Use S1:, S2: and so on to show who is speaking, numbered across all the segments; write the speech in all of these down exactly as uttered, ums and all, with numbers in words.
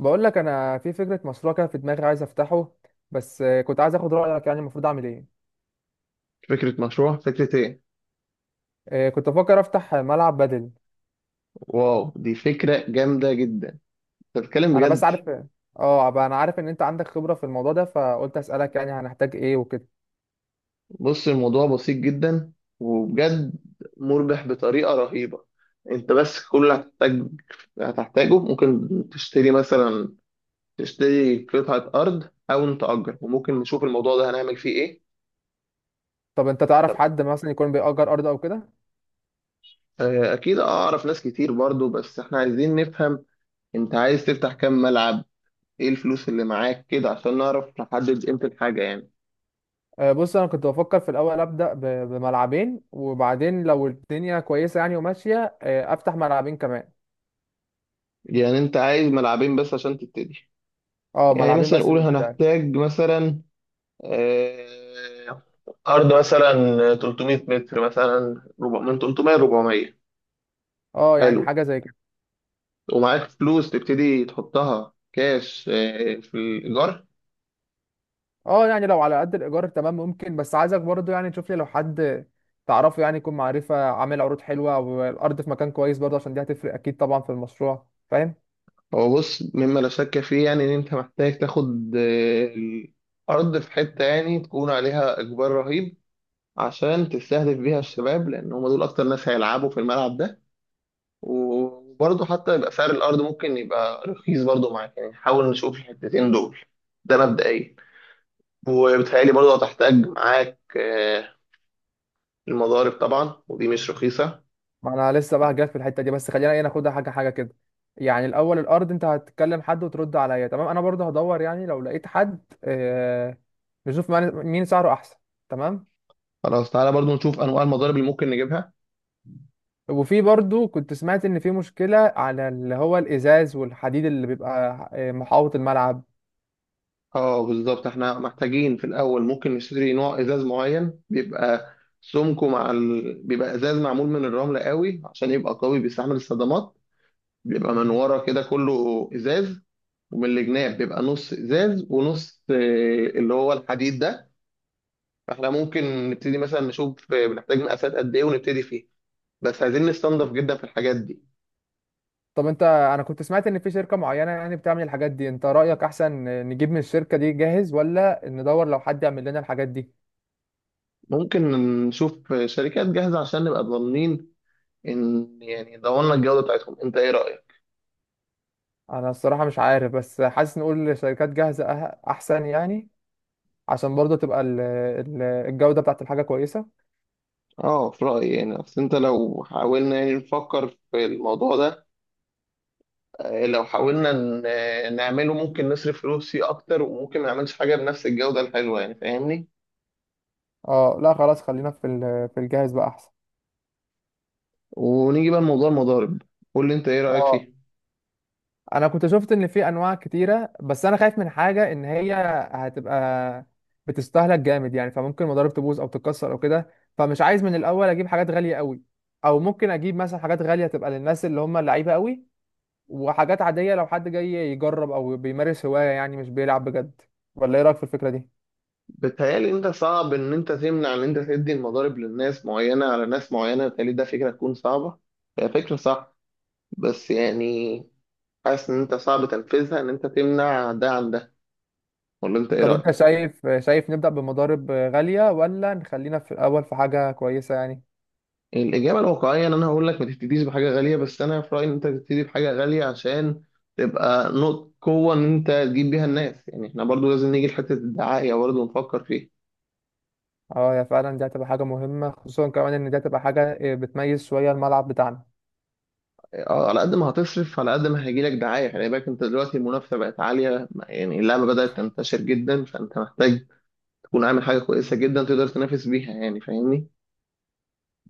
S1: بقول لك انا في فكره مشروع كده في دماغي عايز افتحه. بس آه، كنت عايز اخد رايك، يعني المفروض اعمل ايه؟
S2: فكرة مشروع، فكرة ايه؟
S1: آه، كنت بفكر افتح ملعب بدل.
S2: واو، دي فكرة جامدة جدا. انت بتتكلم
S1: انا بس
S2: بجد؟
S1: عارف. اه بقى انا عارف ان انت عندك خبره في الموضوع ده، فقلت اسالك يعني هنحتاج ايه وكده.
S2: بص، الموضوع بسيط جدا وبجد مربح بطريقة رهيبة. انت بس كل اللي هتحتاج هتحتاجه ممكن تشتري مثلا، تشتري قطعة أرض أو نتأجر، وممكن نشوف الموضوع ده هنعمل فيه ايه.
S1: طب انت تعرف
S2: طب
S1: حد مثلا يكون بيأجر ارض او كده؟
S2: آه، أكيد أعرف ناس كتير برضو، بس احنا عايزين نفهم انت عايز تفتح كام ملعب، ايه الفلوس اللي معاك كده عشان نعرف نحدد قيمة الحاجة يعني.
S1: آه، بص انا كنت بفكر في الاول ابدا ب- بملعبين، وبعدين لو الدنيا كويسه يعني وماشيه، آه، افتح ملعبين كمان.
S2: يعني انت عايز ملعبين بس عشان تبتدي؟
S1: اه
S2: يعني
S1: ملعبين
S2: مثلا
S1: بس
S2: نقول
S1: للبدايه.
S2: هنحتاج مثلا آه، أرض مثلا ثلاثمية متر مثلا، ربع- من ثلاثمية ل اربعمية.
S1: اه يعني
S2: حلو.
S1: حاجه زي كده.
S2: ومعاك فلوس تبتدي تحطها كاش آه، في الإيجار.
S1: اه يعني لو على قد الايجار تمام، ممكن. بس عايزك برضو يعني تشوف لي لو حد تعرفه، يعني يكون معرفة، عامل عروض حلوة والارض في مكان كويس برضو، عشان دي هتفرق اكيد طبعا في المشروع، فاهم.
S2: هو بص، مما لا شك فيه يعني إن أنت محتاج تاخد آه، الأرض في حتة يعني تكون عليها إجبار رهيب، عشان تستهدف بيها الشباب، لأن هم دول أكتر ناس هيلعبوا في الملعب ده. وبرضه حتى يبقى سعر الأرض ممكن يبقى رخيص برضه معاك، يعني حاول نشوف الحتتين دول. ده مبدئيا. وبتهيألي برضه هتحتاج معاك آه، المضارب طبعا، ودي مش رخيصة.
S1: ما انا لسه بقى جاي في الحتة دي، بس خلينا ايه ناخدها حاجة حاجة كده. يعني الاول الارض، انت هتكلم حد وترد عليا، تمام، انا برضو هدور يعني لو لقيت حد آه، نشوف مين مين سعره احسن. تمام.
S2: خلاص، تعالى برضه نشوف أنواع المضارب اللي ممكن نجيبها.
S1: وفي برضو كنت سمعت ان في مشكلة على اللي هو الازاز والحديد اللي بيبقى آه، محاوط الملعب.
S2: اه بالظبط، احنا محتاجين في الأول ممكن نشتري نوع إزاز معين بيبقى سمكه مع ال... بيبقى إزاز معمول من الرمل قوي، عشان يبقى قوي بيستحمل الصدمات. بيبقى من ورا كده كله إزاز، ومن الجناب بيبقى نص ازاز ونص آه، اللي هو الحديد ده. فاحنا ممكن نبتدي مثلا نشوف آه، بنحتاج مقاسات قد ايه ونبتدي فيه، بس عايزين نستنضف جدا في الحاجات دي.
S1: طب انت، انا كنت سمعت ان في شركة معينة يعني بتعمل الحاجات دي، انت رأيك احسن نجيب من الشركة دي جاهز، ولا ندور لو حد يعمل لنا الحاجات دي؟
S2: ممكن نشوف آه، شركات جاهزة عشان نبقى ضامنين ان يعني ضمننا الجودة بتاعتهم. انت ايه رأيك؟
S1: انا الصراحة مش عارف، بس حاسس نقول شركات جاهزة اه- احسن يعني، عشان برضه تبقى ال- ال- الجودة بتاعت الحاجة كويسة.
S2: اه، في رأيي يعني اصل انت، لو حاولنا يعني نفكر في الموضوع ده آه، لو حاولنا ن- آه، نعمله ممكن نصرف فلوس فيه اكتر، وممكن ما نعملش حاجة بنفس الجودة الحلوة، يعني فاهمني؟
S1: اه لا خلاص، خلينا في ال- في الجاهز بقى احسن.
S2: ونيجي بقى لموضوع المضارب. قول لي انت ايه رأيك
S1: اه
S2: فيه؟
S1: انا كنت شفت ان في انواع كتيره، بس انا خايف من حاجه ان هي هتبقى بتستهلك جامد، يعني فممكن المضارب تبوظ او تتكسر او كده، فمش عايز من الاول اجيب حاجات غاليه قوي. او ممكن اجيب مثلا حاجات غاليه تبقى للناس اللي هم اللعيبه قوي، وحاجات عاديه لو حد جاي يجرب او بيمارس هوايه، يعني مش بيلعب بجد. ولا ايه رايك في الفكره دي؟
S2: بتهيألي انت صعب ان انت تمنع ان انت تدي المضارب للناس معينة على ناس معينة، بتهيألي ده فكرة تكون صعبة. هي فكرة صح بس يعني حاسس ان انت صعب تنفيذها، ان انت تمنع ده عن ده. ولا انت ايه
S1: طب انت
S2: رأيك؟
S1: شايف، شايف نبدا بمضارب غاليه، ولا نخلينا في الاول في حاجه كويسه يعني؟
S2: الإجابة الواقعية ان انا هقول لك ما تبتديش بحاجة غالية، بس انا في رأيي ان انت تبتدي بحاجة غالية عشان تبقى نقطة قوة ان انت تجيب بيها الناس. يعني احنا برضو لازم نيجي لحتة الدعاية برضو نفكر فيها.
S1: اه يا فعلا، دي هتبقى حاجه مهمه، خصوصا كمان ان دي هتبقى حاجه آه، بتميز شويه الملعب بتاعنا.
S2: اه، على قد ما هتصرف على قد ما هيجيلك دعاية. خلي بالك انت دلوقتي المنافسة بقت عالية، يعني اللعبة بدأت تنتشر جدا، فانت محتاج تكون عامل حاجة كويسة جدا تقدر تنافس بيها يعني، فاهمني.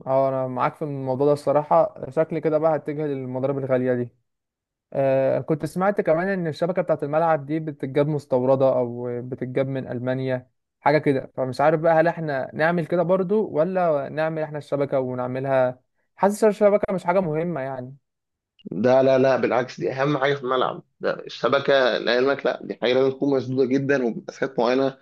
S1: اه انا معاك في الموضوع ده، الصراحه شكلي كده بقى هتجه للمضارب الغاليه دي. آه كنت سمعت كمان ان الشبكه بتاعه الملعب دي بتتجاب مستورده او بتتجاب من المانيا، حاجه كده، فمش عارف بقى هل احنا نعمل كده برضو، ولا نعمل احنا الشبكه ونعملها. حاسس الشبكه مش حاجه مهمه يعني.
S2: ده لا، لا، بالعكس، دي اهم حاجة في الملعب ده الشبكة. لعلمك لا، دي حاجة لازم تكون مسدودة جدا وبمسافات معينة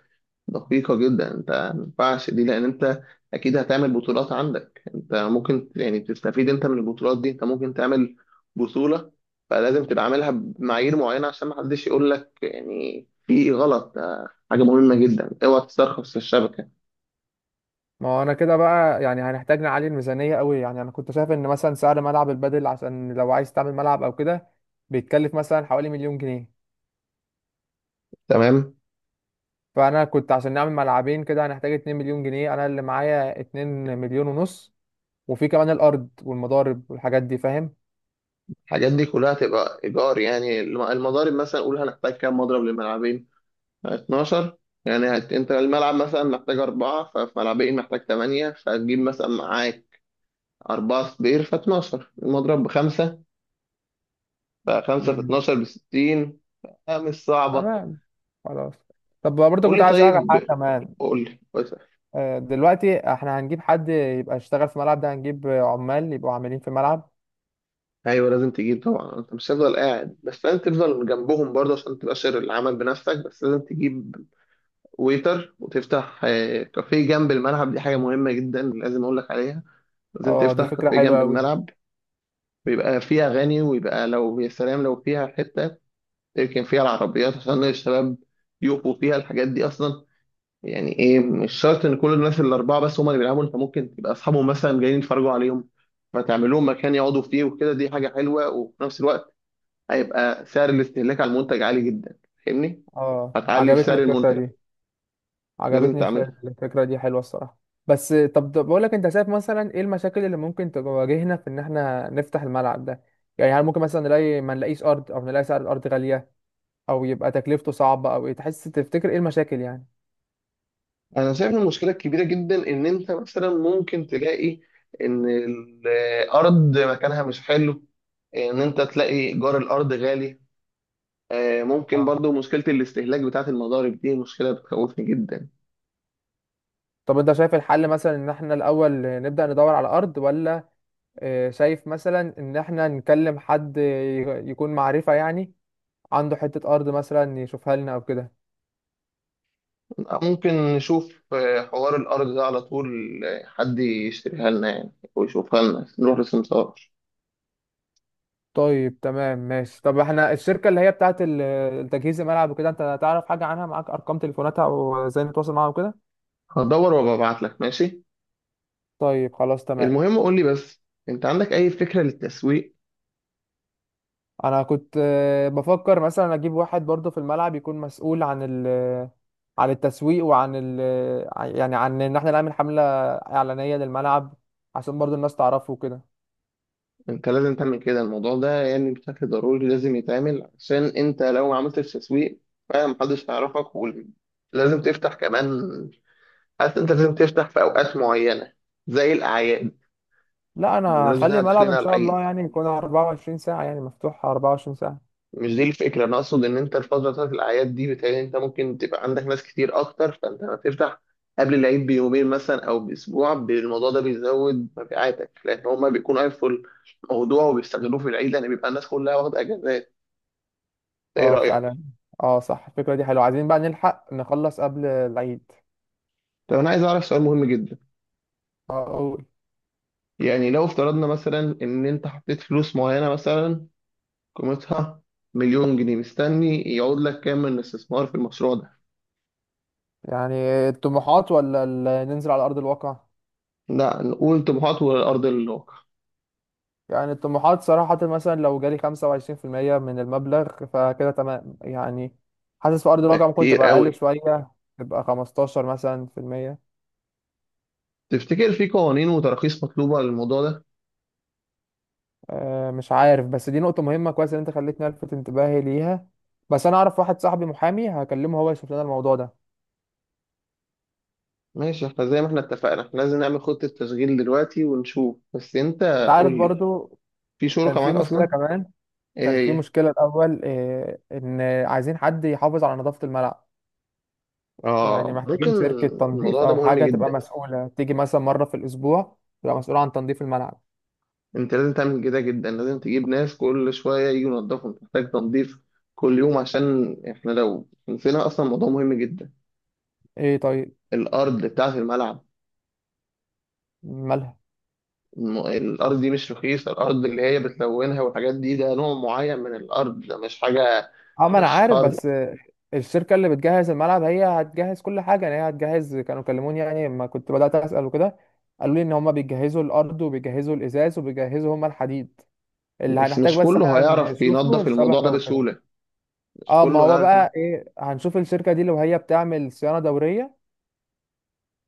S2: دقيقة جدا. انت ما ينفعش دي، لان انت اكيد هتعمل بطولات عندك، انت ممكن يعني تستفيد انت من البطولات دي، انت ممكن تعمل بطولة. فلازم تبقى عاملها بمعايير معينة عشان ما حدش يقول لك يعني في غلط. ده حاجة مهمة جدا، اوعى تسترخص في الشبكة.
S1: ما هو انا كده بقى يعني هنحتاج نعلي الميزانيه قوي. يعني انا كنت شايف ان مثلا سعر ملعب البادل، عشان لو عايز تعمل ملعب او كده، بيتكلف مثلا حوالي مليون جنيه.
S2: تمام.
S1: فانا كنت عشان نعمل ملعبين كده هنحتاج 2 مليون جنيه، انا اللي معايا 2 مليون ونص. وفي كمان الارض والمضارب والحاجات دي، فاهم.
S2: الحاجات دي كلها تبقى ايجار يعني. الم- المضارب مثلا، قول هنحتاج كام مضرب للملعبين. اثنا عشر. يعني هت- انت الملعب مثلا محتاج أربعة، ففي ملعبين محتاج تمانية. فهتجيب مثلا معاك أربعة صبير في اتناشر المضروب بخمسة، بقى خمسة في
S1: مم.
S2: اتناشر بستين. آه، مش صعبة.
S1: تمام. خلاص. طب برضه
S2: قول
S1: كنت
S2: لي
S1: عايز اعرف حاجه
S2: طيب،
S1: كمان.
S2: قول لي بس-
S1: آه، دلوقتي احنا هنجيب حد يبقى يشتغل في الملعب ده، هنجيب عمال يبقوا عاملين في الملعب.
S2: أيوة، لازم تجيب طبعا. أنت مش هتفضل قاعد بس، لازم تفضل جنبهم برضه عشان تبقى شر العمل بنفسك، بس لازم تجيب ويتر، وتفتح آه، كافيه جنب الملعب. دي حاجة مهمة جدا لازم أقول لك عليها. لازم
S1: اه دي
S2: تفتح
S1: فكره
S2: كافيه
S1: حلوه
S2: جنب
S1: قوي دي.
S2: الملعب، ويبقى فيه أغاني، ويبقى لو يا سلام لو فيها حتة تركن فيها العربيات عشان الشباب يقفوا فيها الحاجات دي أصلا. يعني ايه، مش شرط ان كل الناس الاربعه بس هم اللي بيلعبوا، انت ممكن تبقى اصحابهم مثلا جايين يتفرجوا عليهم، فتعمل لهم مكان يقعدوا فيه وكده. دي حاجه حلوه، وفي نفس الوقت هيبقى سعر الاستهلاك على المنتج عالي جدا، فاهمني.
S1: اه
S2: هتعلي في
S1: عجبتني
S2: سعر
S1: الفكره
S2: المنتج.
S1: دي.
S2: لازم
S1: عجبتني الف-
S2: تعملها.
S1: الفكرة دي حلوة الصراحة. بس طب، طب بقول لك، انت شايف مثلا ايه المشاكل اللي ممكن تواجهنا في ان احنا نفتح الملعب ده؟ يعني هل ممكن مثلا نلاقي ما نلاقيش ارض، او نلاقي سعر الارض غالية، او يبقى تكلفته صعبة، او ايه تحس تفتكر ايه المشاكل يعني؟
S2: انا شايف إن المشكله الكبيره جدا ان انت مثلا ممكن تلاقي ان الارض مكانها مش حلو، ان انت تلاقي ايجار الارض غالي. آه، ممكن
S1: آه.
S2: برضو مشكله الاستهلاك بتاعه المضارب دي مشكله بتخوفني جدا.
S1: طب انت شايف الحل مثلا ان احنا الاول نبدأ ندور على ارض، ولا اه، شايف مثلا ان احنا نكلم حد ي- يكون معرفة يعني، عنده حتة ارض مثلا يشوفها لنا او كده؟
S2: ممكن نشوف آه، حوار الأرض ده على طول، آه، حد يشتريها لنا يعني ويشوفها لنا، نروح للسمسار.
S1: طيب تمام ماشي. طب احنا الشركة اللي هي بتاعت ال- التجهيز الملعب وكده، انت تعرف حاجة عنها؟ معاك ارقام تليفوناتها وازاي نتواصل معاها وكده؟
S2: هدور وببعت لك، ماشي.
S1: طيب خلاص تمام.
S2: المهم قول لي بس، أنت عندك أي فكرة للتسويق؟
S1: انا كنت آه، بفكر مثلا اجيب واحد برضه في الملعب يكون مسؤول عن ال، عن التسويق، وعن ال، يعني عن ان احنا نعمل حملة اعلانية للملعب، عشان برضه الناس تعرفه وكده.
S2: أنت لازم تعمل كده، الموضوع ده يعني بشكل ضروري لازم يتعمل، عشان أنت لو ما عملتش تسويق فعلا محدش هيعرفك. ولازم تفتح كمان، حاسس أنت لازم تفتح في أوقات معينة زي الأعياد.
S1: لا انا
S2: بمناسبة إن
S1: هخلي
S2: إحنا
S1: الملعب
S2: داخلين
S1: ان
S2: على
S1: شاء
S2: العيد،
S1: الله يعني يكون أربعة وعشرين ساعة، يعني مفتوح أربعة وعشرين ساعة.
S2: مش دي الفكرة، أنا أقصد إن أنت الفترة بتاعت الأعياد دي بتهيألي أنت ممكن تبقى عندك ناس كتير أكتر، فأنت لما تفتح قبل العيد بيومين مثلا أو بأسبوع ب- الموضوع ده بيزود مبيعاتك، لأن هما بيكونوا عارفوا الموضوع وبيستغلوه في العيد، لأن بيبقى الناس كلها واخدة أجازات. إيه
S1: اه
S2: رأيك؟
S1: فعلا. اه صح، الفكرة دي حلوة، عايزين بقى نلحق نخلص قبل العيد.
S2: طب أنا عايز أعرف سؤال مهم جدا.
S1: أقول.
S2: يعني لو افترضنا مثلا إن أنت حطيت فلوس معينة مثلا، قيمتها مليون جنيه، مستني يعود لك كام من الاستثمار في المشروع ده؟
S1: يعني الطموحات ولا ال- ننزل على أرض الواقع؟
S2: لا، نقول طموحات والأرض الواقع.
S1: يعني الطموحات صراحة مثلا لو جالي خمسة وعشرين في المية من المبلغ فكده تمام يعني. حاسس في أرض
S2: ده
S1: الواقع ممكن
S2: كتير
S1: تبقى أقل
S2: قوي.
S1: شوية، تبقى خمستاشر مثلا في المية.
S2: تفتكر في قوانين وتراخيص مطلوبة للموضوع ده؟
S1: أه مش عارف، بس دي نقطة مهمة، كويس إن أنت خليتني ألفت انتباهي ليها. بس أنا أعرف واحد صاحبي محامي، هكلمه هو يشوف لنا الموضوع ده.
S2: ماشي، احنا زي ما احنا اتفقنا احنا لازم نعمل خطة تشغيل دلوقتي ونشوف. بس انت
S1: أنت عارف
S2: قول لي،
S1: برضو
S2: في
S1: كان
S2: شركة
S1: في
S2: معاك
S1: مشكلة
S2: اصلا؟
S1: كمان.
S2: ايه؟
S1: كان في
S2: هي؟
S1: مشكلة الأول، إيه إن عايزين حد يحافظ على نظافة الملعب. يعني
S2: اه، ممكن.
S1: محتاجين شركة تنظيف
S2: الموضوع ده
S1: أو
S2: مهم
S1: حاجة تبقى
S2: جدا.
S1: مسؤولة، تيجي مثلا مرة في الأسبوع، تبقى مسؤولة عن تنظيف الملعب.
S2: انت لازم تعمل كده جدا، لازم تجيب ناس كل شوية يجوا ينضفوا، انت محتاج تنظيف كل يوم، عشان احنا لو نسينا اصلا موضوع مهم جدا.
S1: إيه طيب.
S2: الارض بتاعة الملعب.
S1: مالها؟
S2: الم- الارض دي مش رخيصة، الارض اللي هي بتلونها والحاجات دي، ده نوع معين من الارض، ده مش حاجة،
S1: أه ما أنا
S2: مش
S1: عارف،
S2: ارض.
S1: بس الشركة اللي بتجهز الملعب هي هتجهز كل حاجة. يعني هي هتجهز، كانوا كلموني يعني لما كنت بدأت أسأل وكده، قالوا لي إن هما بيجهزوا الأرض وبيجهزوا الإزاز وبيجهزوا هما الحديد. اللي
S2: بس
S1: هنحتاج
S2: مش
S1: بس
S2: كله
S1: إحنا
S2: هيعرف
S1: نشوفه
S2: ينظف الموضوع
S1: الشبكة
S2: ده
S1: وكده.
S2: بسهولة، مش
S1: أه ما
S2: كله
S1: هو
S2: هيعرف.
S1: بقى إيه، هنشوف الشركة دي لو هي بتعمل صيانة دورية،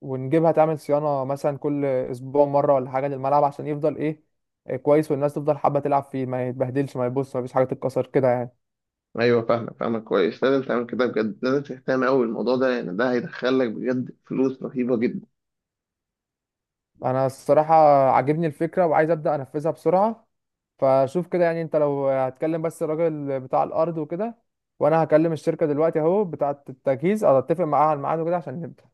S1: ونجيبها تعمل صيانة مثلا كل أسبوع مرة ولا حاجة للملعب عشان يفضل إيه، إيه كويس، والناس تفضل حابة تلعب فيه، ما يتبهدلش، ما يبص، ما فيش حاجة تتكسر كده يعني.
S2: أيوه فاهمك، فاهمك كويس. لازم تعمل كده بجد، لازم تهتم أوي بالموضوع ده، لأن ده هيدخلك بجد فلوس رهيبة جدا.
S1: أنا الصراحة عاجبني الفكرة وعايز أبدأ أنفذها بسرعة، فشوف كده يعني. أنت لو هتكلم بس الراجل بتاع الأرض وكده، وأنا هكلم الشركة دلوقتي أهو بتاعة التجهيز، أو أتفق معاها على الميعاد وكده عشان نبدأ.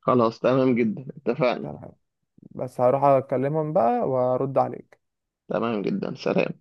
S2: خلاص، تمام جدا، اتفقنا.
S1: تمام، بس هروح أكلمهم بقى وأرد عليك.
S2: تمام جدا، سلام.